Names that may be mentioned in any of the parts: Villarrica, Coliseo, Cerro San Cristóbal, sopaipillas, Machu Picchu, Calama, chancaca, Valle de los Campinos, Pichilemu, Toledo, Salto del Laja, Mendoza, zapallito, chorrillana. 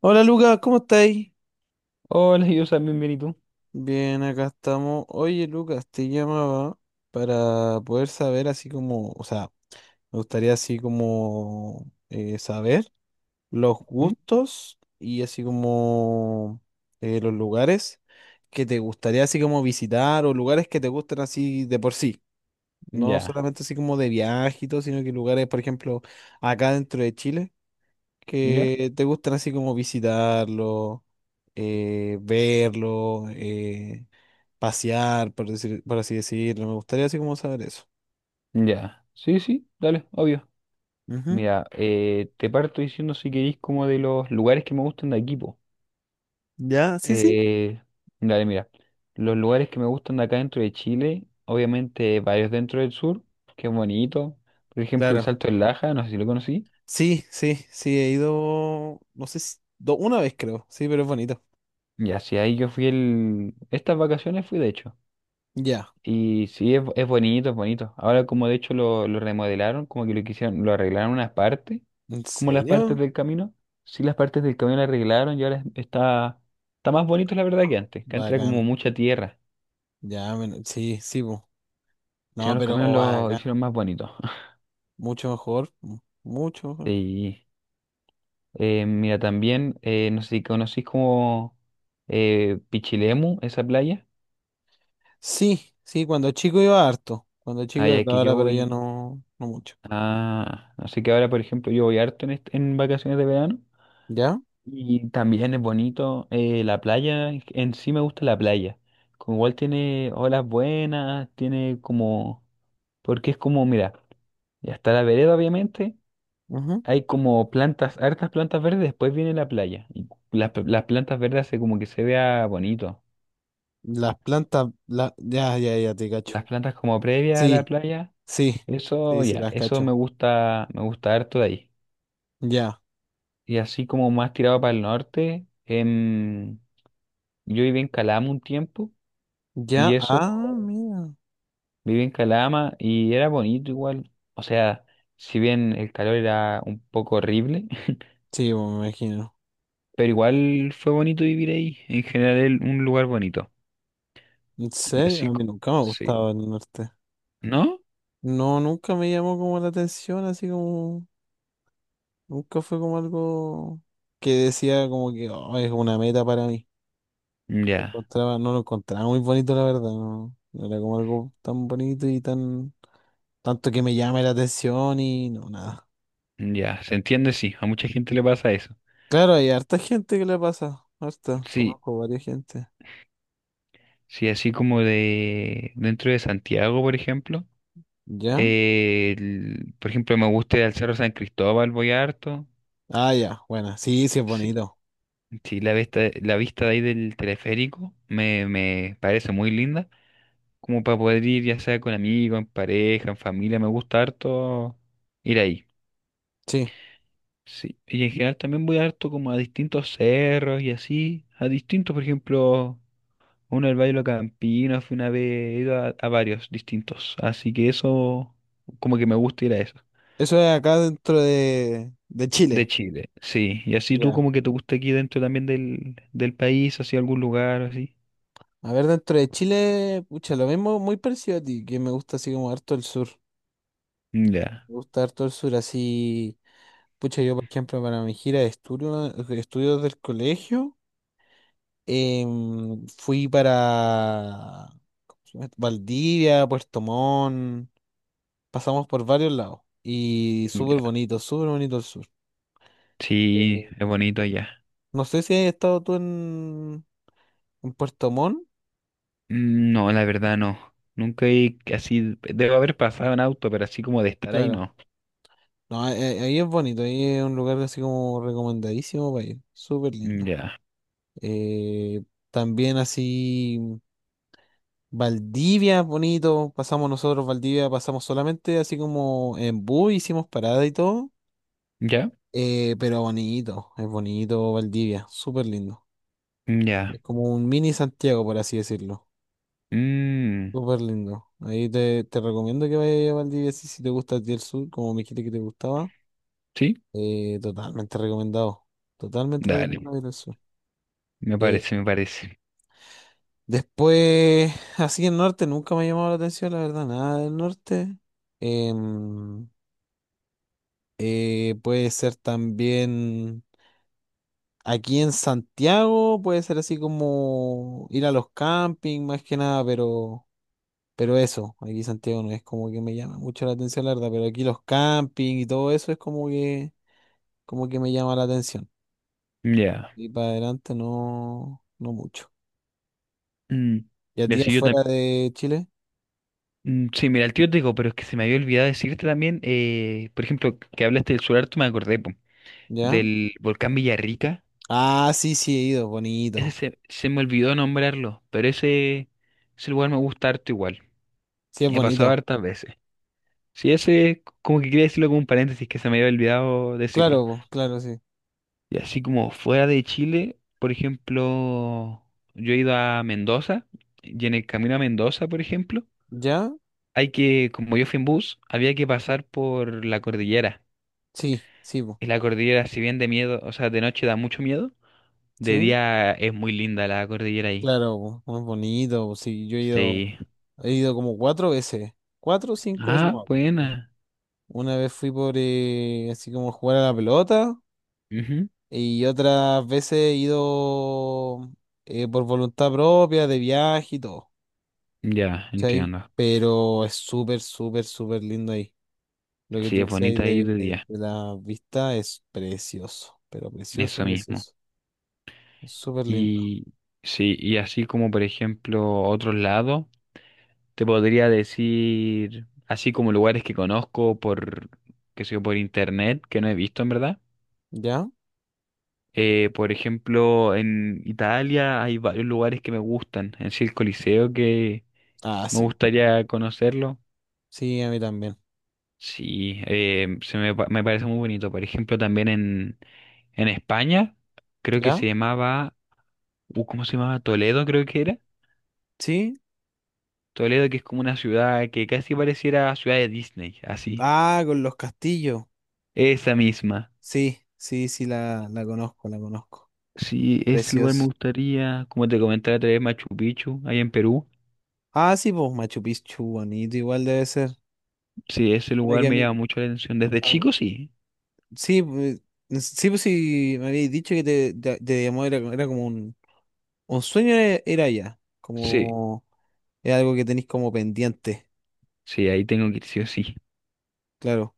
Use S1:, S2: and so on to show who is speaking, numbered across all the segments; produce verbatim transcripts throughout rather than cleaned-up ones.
S1: Hola Lucas, ¿cómo estáis?
S2: Hola, yo también bien, ¿y tú?
S1: Bien, acá estamos. Oye Lucas, te llamaba para poder saber así como, o sea, me gustaría así como eh, saber los
S2: ¿Mm?
S1: gustos y así como eh, los lugares que te gustaría así como visitar o lugares que te gustan así de por sí. No
S2: Ya,
S1: solamente así como de viaje y todo, sino que lugares, por ejemplo, acá dentro de Chile.
S2: ya,
S1: que te gustan así como visitarlo, eh, verlo, eh, pasear, por decir, por así decirlo. Me gustaría así como saber eso.
S2: ya. Sí, sí, dale, obvio.
S1: Ujú.
S2: Mira, eh, te parto diciendo si queréis como de los lugares que me gustan de aquí, po.
S1: ¿Ya? Sí, sí.
S2: Eh, Dale, mira. Los lugares que me gustan de acá dentro de Chile, obviamente varios dentro del sur, que es bonito. Por ejemplo, el
S1: Claro.
S2: Salto del Laja, no sé si lo conocí.
S1: Sí, sí, sí, he ido, no sé, si- do- una vez creo, sí, pero es bonito.
S2: Y así ahí yo fui el... Estas vacaciones fui, de hecho.
S1: Ya.
S2: Y sí, es, es bonito, es bonito. Ahora como de hecho lo, lo remodelaron, como que lo quisieron, lo arreglaron unas partes,
S1: ¿En
S2: como las partes
S1: serio?
S2: del camino. Sí, las partes del camino las arreglaron y ahora es- está, está más bonito la verdad que antes, que antes era como
S1: Bacán.
S2: mucha tierra.
S1: Ya, men- sí, sí, po.
S2: Sí, ahora
S1: No,
S2: los
S1: pero
S2: caminos lo
S1: bacán.
S2: hicieron más bonito.
S1: Mucho mejor, mu- mucho mejor.
S2: Y eh, mira, también, eh, no sé si conocís como eh, Pichilemu, esa playa.
S1: Sí, sí, cuando chico iba harto, cuando chico iba
S2: Allá
S1: harto,
S2: que
S1: ahora
S2: yo
S1: pero ya
S2: voy,
S1: no, no mucho.
S2: ah, así que ahora por ejemplo yo voy harto en, est- en vacaciones de verano.
S1: ¿Ya?
S2: Y también es bonito eh, la playa, en sí me gusta la playa. Como igual tiene olas buenas, tiene como, porque es como, mira, ya está la vereda obviamente,
S1: Ujú.
S2: hay como plantas, hartas plantas verdes, después viene la playa. Y las, p- las plantas verdes hace como que se vea bonito.
S1: Las plantas, la... ya, ya, ya, te cacho.
S2: Las plantas como previa a la
S1: Sí,
S2: playa,
S1: sí,
S2: eso
S1: sí, sí,
S2: ya,
S1: las
S2: eso me
S1: cacho.
S2: gusta, me gusta harto de ahí.
S1: Ya,
S2: Y así como más tirado para el norte, em, yo viví en Calama un tiempo
S1: ya,
S2: y eso...
S1: ah, mira.
S2: Viví en Calama y era bonito igual. O sea, si bien el calor era un poco horrible,
S1: Sí, pues, me imagino.
S2: pero igual fue bonito vivir ahí. En general, el- un lugar bonito.
S1: ¿En
S2: Y
S1: serio?
S2: así,
S1: A mí
S2: co-
S1: nunca me ha
S2: sí.
S1: gustado el norte.
S2: ¿No?
S1: No, nunca me llamó como la atención, así como, nunca fue como algo que decía como que "Oh, es una meta para mí." Lo
S2: Ya,
S1: encontraba, no lo encontraba muy bonito, la verdad, no, no era como algo tan bonito y tan, tanto que me llame la atención y no, nada.
S2: ya. Se entiende, sí. A mucha gente le pasa eso.
S1: Claro, hay harta gente que le pasa. Harta.
S2: Sí,
S1: Conozco varias gente.
S2: sí, así como de dentro de Santiago, por ejemplo.
S1: ¿Ya?
S2: Eh, el- por ejemplo, me gusta ir al Cerro San Cristóbal, voy harto.
S1: Ah, ya. Bueno, sí, sí es
S2: Sí,
S1: bonito.
S2: sí, la vista, la vista de ahí del teleférico me, me parece muy linda. Como para poder ir ya sea con amigos, en pareja, en familia, me gusta harto ir ahí.
S1: Sí.
S2: Sí, y en general también voy harto como a distintos cerros y así, a distintos, por ejemplo, uno del Valle de los Campinos, fui una vez, he ido a, a varios distintos, así que eso, como que me gusta ir a eso.
S1: Eso es acá dentro de, de
S2: De
S1: Chile.
S2: Chile, sí, y así tú
S1: Ya.
S2: como que te gusta aquí dentro también del, del país, así algún lugar, así.
S1: A ver, dentro de Chile, pucha, lo mismo, muy parecido a ti, que me gusta así como harto el sur.
S2: Ya,
S1: Me gusta harto el sur, así. Pucha, yo, por ejemplo, para mi gira de estudio, de estudios del colegio, em, fui para ¿cómo se llama esto? Valdivia, Puerto Montt. Pasamos por varios lados y súper
S2: ya.
S1: bonito, súper bonito el sur.
S2: Sí,
S1: Sí.
S2: es bonito allá.
S1: No sé si has estado tú en, en Puerto Montt.
S2: Mm, no, la verdad no. Nunca he así. Debo haber pasado en auto, pero así como de estar ahí
S1: Claro.
S2: no.
S1: No, ahí, ahí- ahí es bonito, ahí es un lugar así como recomendadísimo para ir. Súper
S2: Mm.
S1: lindo.
S2: Ya.
S1: Eh, También así Valdivia es bonito. Pasamos nosotros Valdivia, pasamos solamente así como en bus, hicimos parada y todo.
S2: ¿Ya?
S1: Eh, pero bonito, es bonito Valdivia, súper lindo.
S2: Mm.
S1: Es
S2: Ya.
S1: como un mini Santiago, por así decirlo.
S2: Mm.
S1: Súper lindo. Ahí te, te recomiendo que vayas a Valdivia si si te gusta a ti el sur, como me dijiste que te gustaba.
S2: ¿Sí?
S1: Eh, totalmente recomendado. Totalmente
S2: Dale.
S1: recomendado ir al sur.
S2: Me
S1: Eh,
S2: parece, me parece.
S1: Después, así el norte nunca me ha llamado la atención, la verdad, nada del norte. Em, eh, Puede ser también aquí en Santiago, puede ser así como ir a los campings más que nada, pero. Pero eso, aquí Santiago no es como que me llama mucho la atención, la verdad, pero aquí los campings y todo eso es como que, como que me llama la atención.
S2: Mm. Ya.
S1: Y para adelante no, no mucho.
S2: Mm.
S1: ¿Y a
S2: Y
S1: ti
S2: así yo
S1: afuera
S2: también.
S1: de Chile?
S2: Mm. Sí, mira, el tío te digo, pero es que se me había olvidado decirte también, eh, por ejemplo, que hablaste del solar, me acordé, po,
S1: ¿Ya?
S2: del volcán Villarrica.
S1: Ah, sí, sí, he ido,
S2: Ese
S1: bonito.
S2: se, se me olvidó nombrarlo, pero ese, ese lugar me gusta harto igual.
S1: Sí, es
S2: He pasado
S1: bonito.
S2: hartas veces. Sí, ese, como que quería decirlo como un paréntesis que se me había olvidado decirlo.
S1: Claro, po, claro, sí.
S2: Y así como fuera de Chile, por ejemplo, yo he ido a Mendoza y en el camino a Mendoza, por ejemplo,
S1: ¿Ya?
S2: hay que, como yo fui en bus, había que pasar por la cordillera.
S1: Sí, sí, po,
S2: Y la cordillera, si bien de miedo, o sea, de noche da mucho miedo, de
S1: sí.
S2: día es muy linda la cordillera ahí.
S1: Claro, po, no es bonito. Po, sí, yo he ido,
S2: Sí.
S1: he ido como cuatro veces. Cuatro o cinco veces, no
S2: Ah,
S1: me acuerdo.
S2: buena.
S1: Una vez fui por eh, así como jugar a la pelota.
S2: Ujú.
S1: Y otras veces he ido eh, por voluntad propia, de viaje y todo,
S2: Ya,
S1: ¿cachai?
S2: entiendo.
S1: Pero es súper, súper, súper lindo ahí. Lo que
S2: Sí,
S1: tú
S2: es
S1: decías ahí
S2: bonita ahí
S1: de,
S2: de
S1: de-
S2: día.
S1: de la vista es precioso, pero precioso,
S2: Eso mismo.
S1: precioso. Es súper lindo.
S2: Y sí, y así como por ejemplo otros lados, te podría decir, así como lugares que conozco por, qué sé yo, por internet, que no he visto en verdad.
S1: ¿Ya?
S2: Eh, por ejemplo, en Italia hay varios lugares que me gustan, en sí el Coliseo que
S1: Ah,
S2: me
S1: sí.
S2: gustaría conocerlo.
S1: Sí, a mí también.
S2: Sí, eh, se me, pa- me parece muy bonito. Por ejemplo, también en, en España, creo que
S1: ¿Ya?
S2: se llamaba, uh, ¿cómo se llamaba? Toledo, creo que era
S1: ¿Sí?
S2: Toledo, que es como una ciudad que casi pareciera ciudad de Disney, así.
S1: Ah, con los castillos.
S2: Esa misma.
S1: Sí, sí, sí, la, la conozco, la conozco.
S2: Sí, ese lugar me
S1: Precioso.
S2: gustaría, como te comentaba otra vez, Machu Picchu, ahí en Perú.
S1: Ah, sí, pues Machu Picchu, bonito, igual debe ser.
S2: Sí, ese
S1: Oye,
S2: lugar me llama
S1: que
S2: mucho la atención. Desde
S1: a mí-
S2: chico, sí.
S1: sí, pues, sí, pues sí, me habéis dicho que te, te- te llamó, era, era como un, un sueño, era, era ya,
S2: Sí,
S1: como es algo que tenéis como pendiente,
S2: sí, ahí tengo que ir sí o sí,
S1: claro.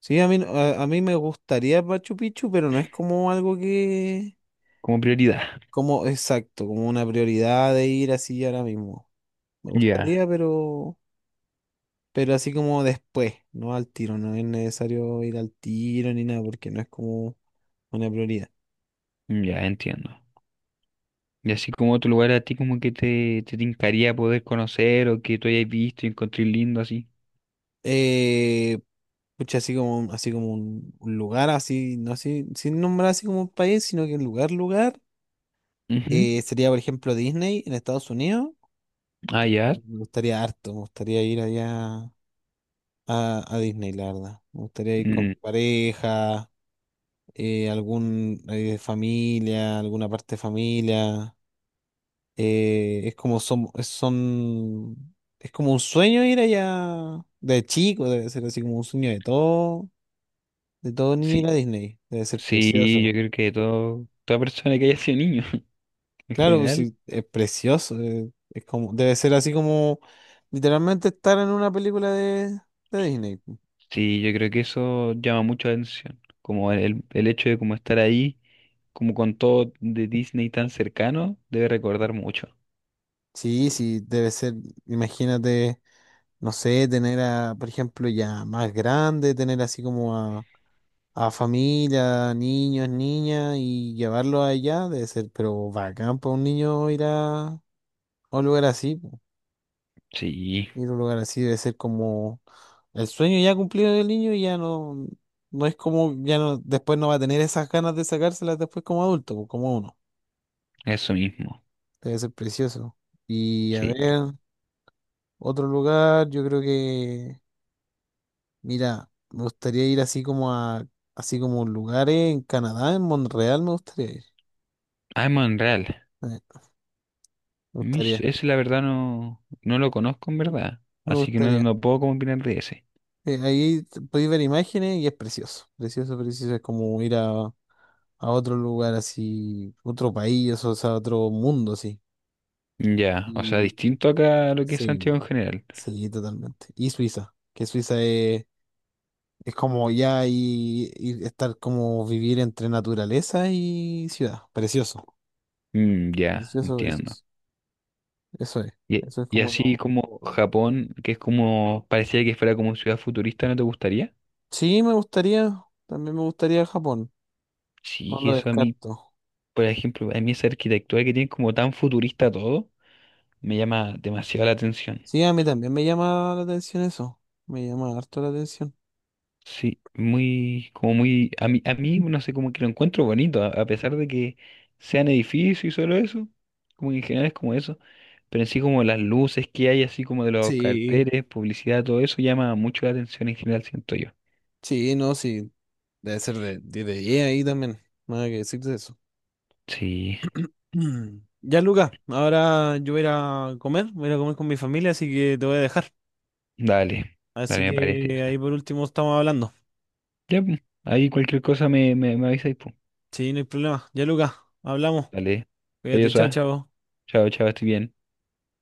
S1: Sí, a mí, no- a, a mí me gustaría Machu Picchu, pero no es como algo que,
S2: como prioridad.
S1: como exacto, como una prioridad de ir así ahora mismo. Me
S2: Ya,
S1: gustaría, pero, pero así como después, no al tiro, no es necesario ir al tiro ni nada, porque no es como una prioridad.
S2: ya, entiendo. Y así como otro lugar a ti como que te, te tincaría poder conocer o que tú hayas visto y encontré lindo así.
S1: Eh, Pucha, así como, un- así como un, un lugar, así, no así, sin nombrar así como un país, sino que un lugar, lugar.
S2: Ujú.
S1: Eh, sería, por ejemplo, Disney en Estados Unidos.
S2: Ah,
S1: Eh,
S2: ya.
S1: Me gustaría harto, me gustaría ir allá a, a Disney, la verdad. Me gustaría ir con mi
S2: Mm,
S1: pareja, eh, algún eh, familia, alguna parte de familia. Eh, es como son, es- son, Es como un sueño ir allá de chico, debe ser así como un sueño de todo De todo niño
S2: sí,
S1: ir a Disney. Debe ser
S2: sí, yo
S1: precioso.
S2: creo que todo, toda persona que haya sido niño en
S1: Claro, pues
S2: general.
S1: sí, es precioso. eh, Es como, debe ser así como literalmente estar en una película de, de Disney.
S2: Sí, yo creo que eso llama mucho la atención, como el, el hecho de como estar ahí, como con todo de Disney tan cercano, debe recordar mucho.
S1: Sí, sí, debe ser, imagínate, no sé, tener a, por ejemplo, ya más grande, tener así como a, a familia, niños, niñas, y llevarlo allá, debe ser, pero bacán para un niño ir a, a un lugar así.
S2: Sí,
S1: Ir a un lugar así debe ser como el sueño ya cumplido del niño y ya no, no es como, ya no, después no va a tener esas ganas de sacárselas después como adulto, pues, como uno.
S2: eso mismo.
S1: Debe ser precioso. Y a
S2: Sí,
S1: ver, otro lugar, yo creo que, mira, me gustaría ir así como a, así como lugares en Canadá, en Montreal me gustaría ir.
S2: I'm Unreal.
S1: Eh, Me
S2: Mish,
S1: gustaría,
S2: ese la verdad no, no lo conozco en verdad,
S1: me
S2: así que no,
S1: gustaría.
S2: no puedo como opinar de ese.
S1: Eh, ahí t- podéis ver imágenes y es precioso, precioso, precioso. Es como ir a a otro lugar así, otro país, o sea, otro mundo así.
S2: Ya, o sea,
S1: Y
S2: distinto acá a lo que es Santiago
S1: sí,
S2: en general.
S1: sí, totalmente. Y Suiza, que Suiza es, es como ya y, y estar como vivir entre naturaleza y ciudad. Precioso,
S2: Mm, ya,
S1: precioso,
S2: entiendo.
S1: precioso. Eso es,
S2: Y,
S1: Eso es
S2: y
S1: como
S2: así
S1: lo...
S2: como Japón, que es como, parecía que fuera como ciudad futurista, ¿no te gustaría?
S1: Sí, me gustaría, también me gustaría Japón,
S2: Sí,
S1: no
S2: que
S1: lo
S2: eso a mí,
S1: descarto.
S2: por ejemplo, a mí esa arquitectura que tiene como tan futurista todo, me llama demasiado la atención.
S1: Sí, a mí también me llama la atención eso, me llama harto la atención.
S2: Sí, muy, como muy, a mí, a mí, no sé, como que lo encuentro bonito, a, a pesar de que sean edificios y solo eso, como que en general es como eso, pero en sí como las luces que hay, así como de los
S1: Sí,
S2: carteles, publicidad, todo eso llama mucho la atención en general, siento yo.
S1: sí, no, sí. Debe ser de, de, de E A ahí también. Nada que decir de eso.
S2: Sí,
S1: Mm. Ya, Luca, ahora yo voy a ir a comer, voy a ir a comer con mi familia, así que te voy a dejar.
S2: dale,
S1: Así
S2: dale, me parece.
S1: que
S2: O
S1: ahí
S2: sea.
S1: por último estamos hablando.
S2: Ya, pues, ahí cualquier cosa me, me, me avisáis, pues.
S1: Sí, no hay problema. Ya, Luca, hablamos.
S2: Dale,
S1: Cuídate,
S2: adiós,
S1: chao,
S2: ah.
S1: chao.
S2: Chao, chao, estoy bien.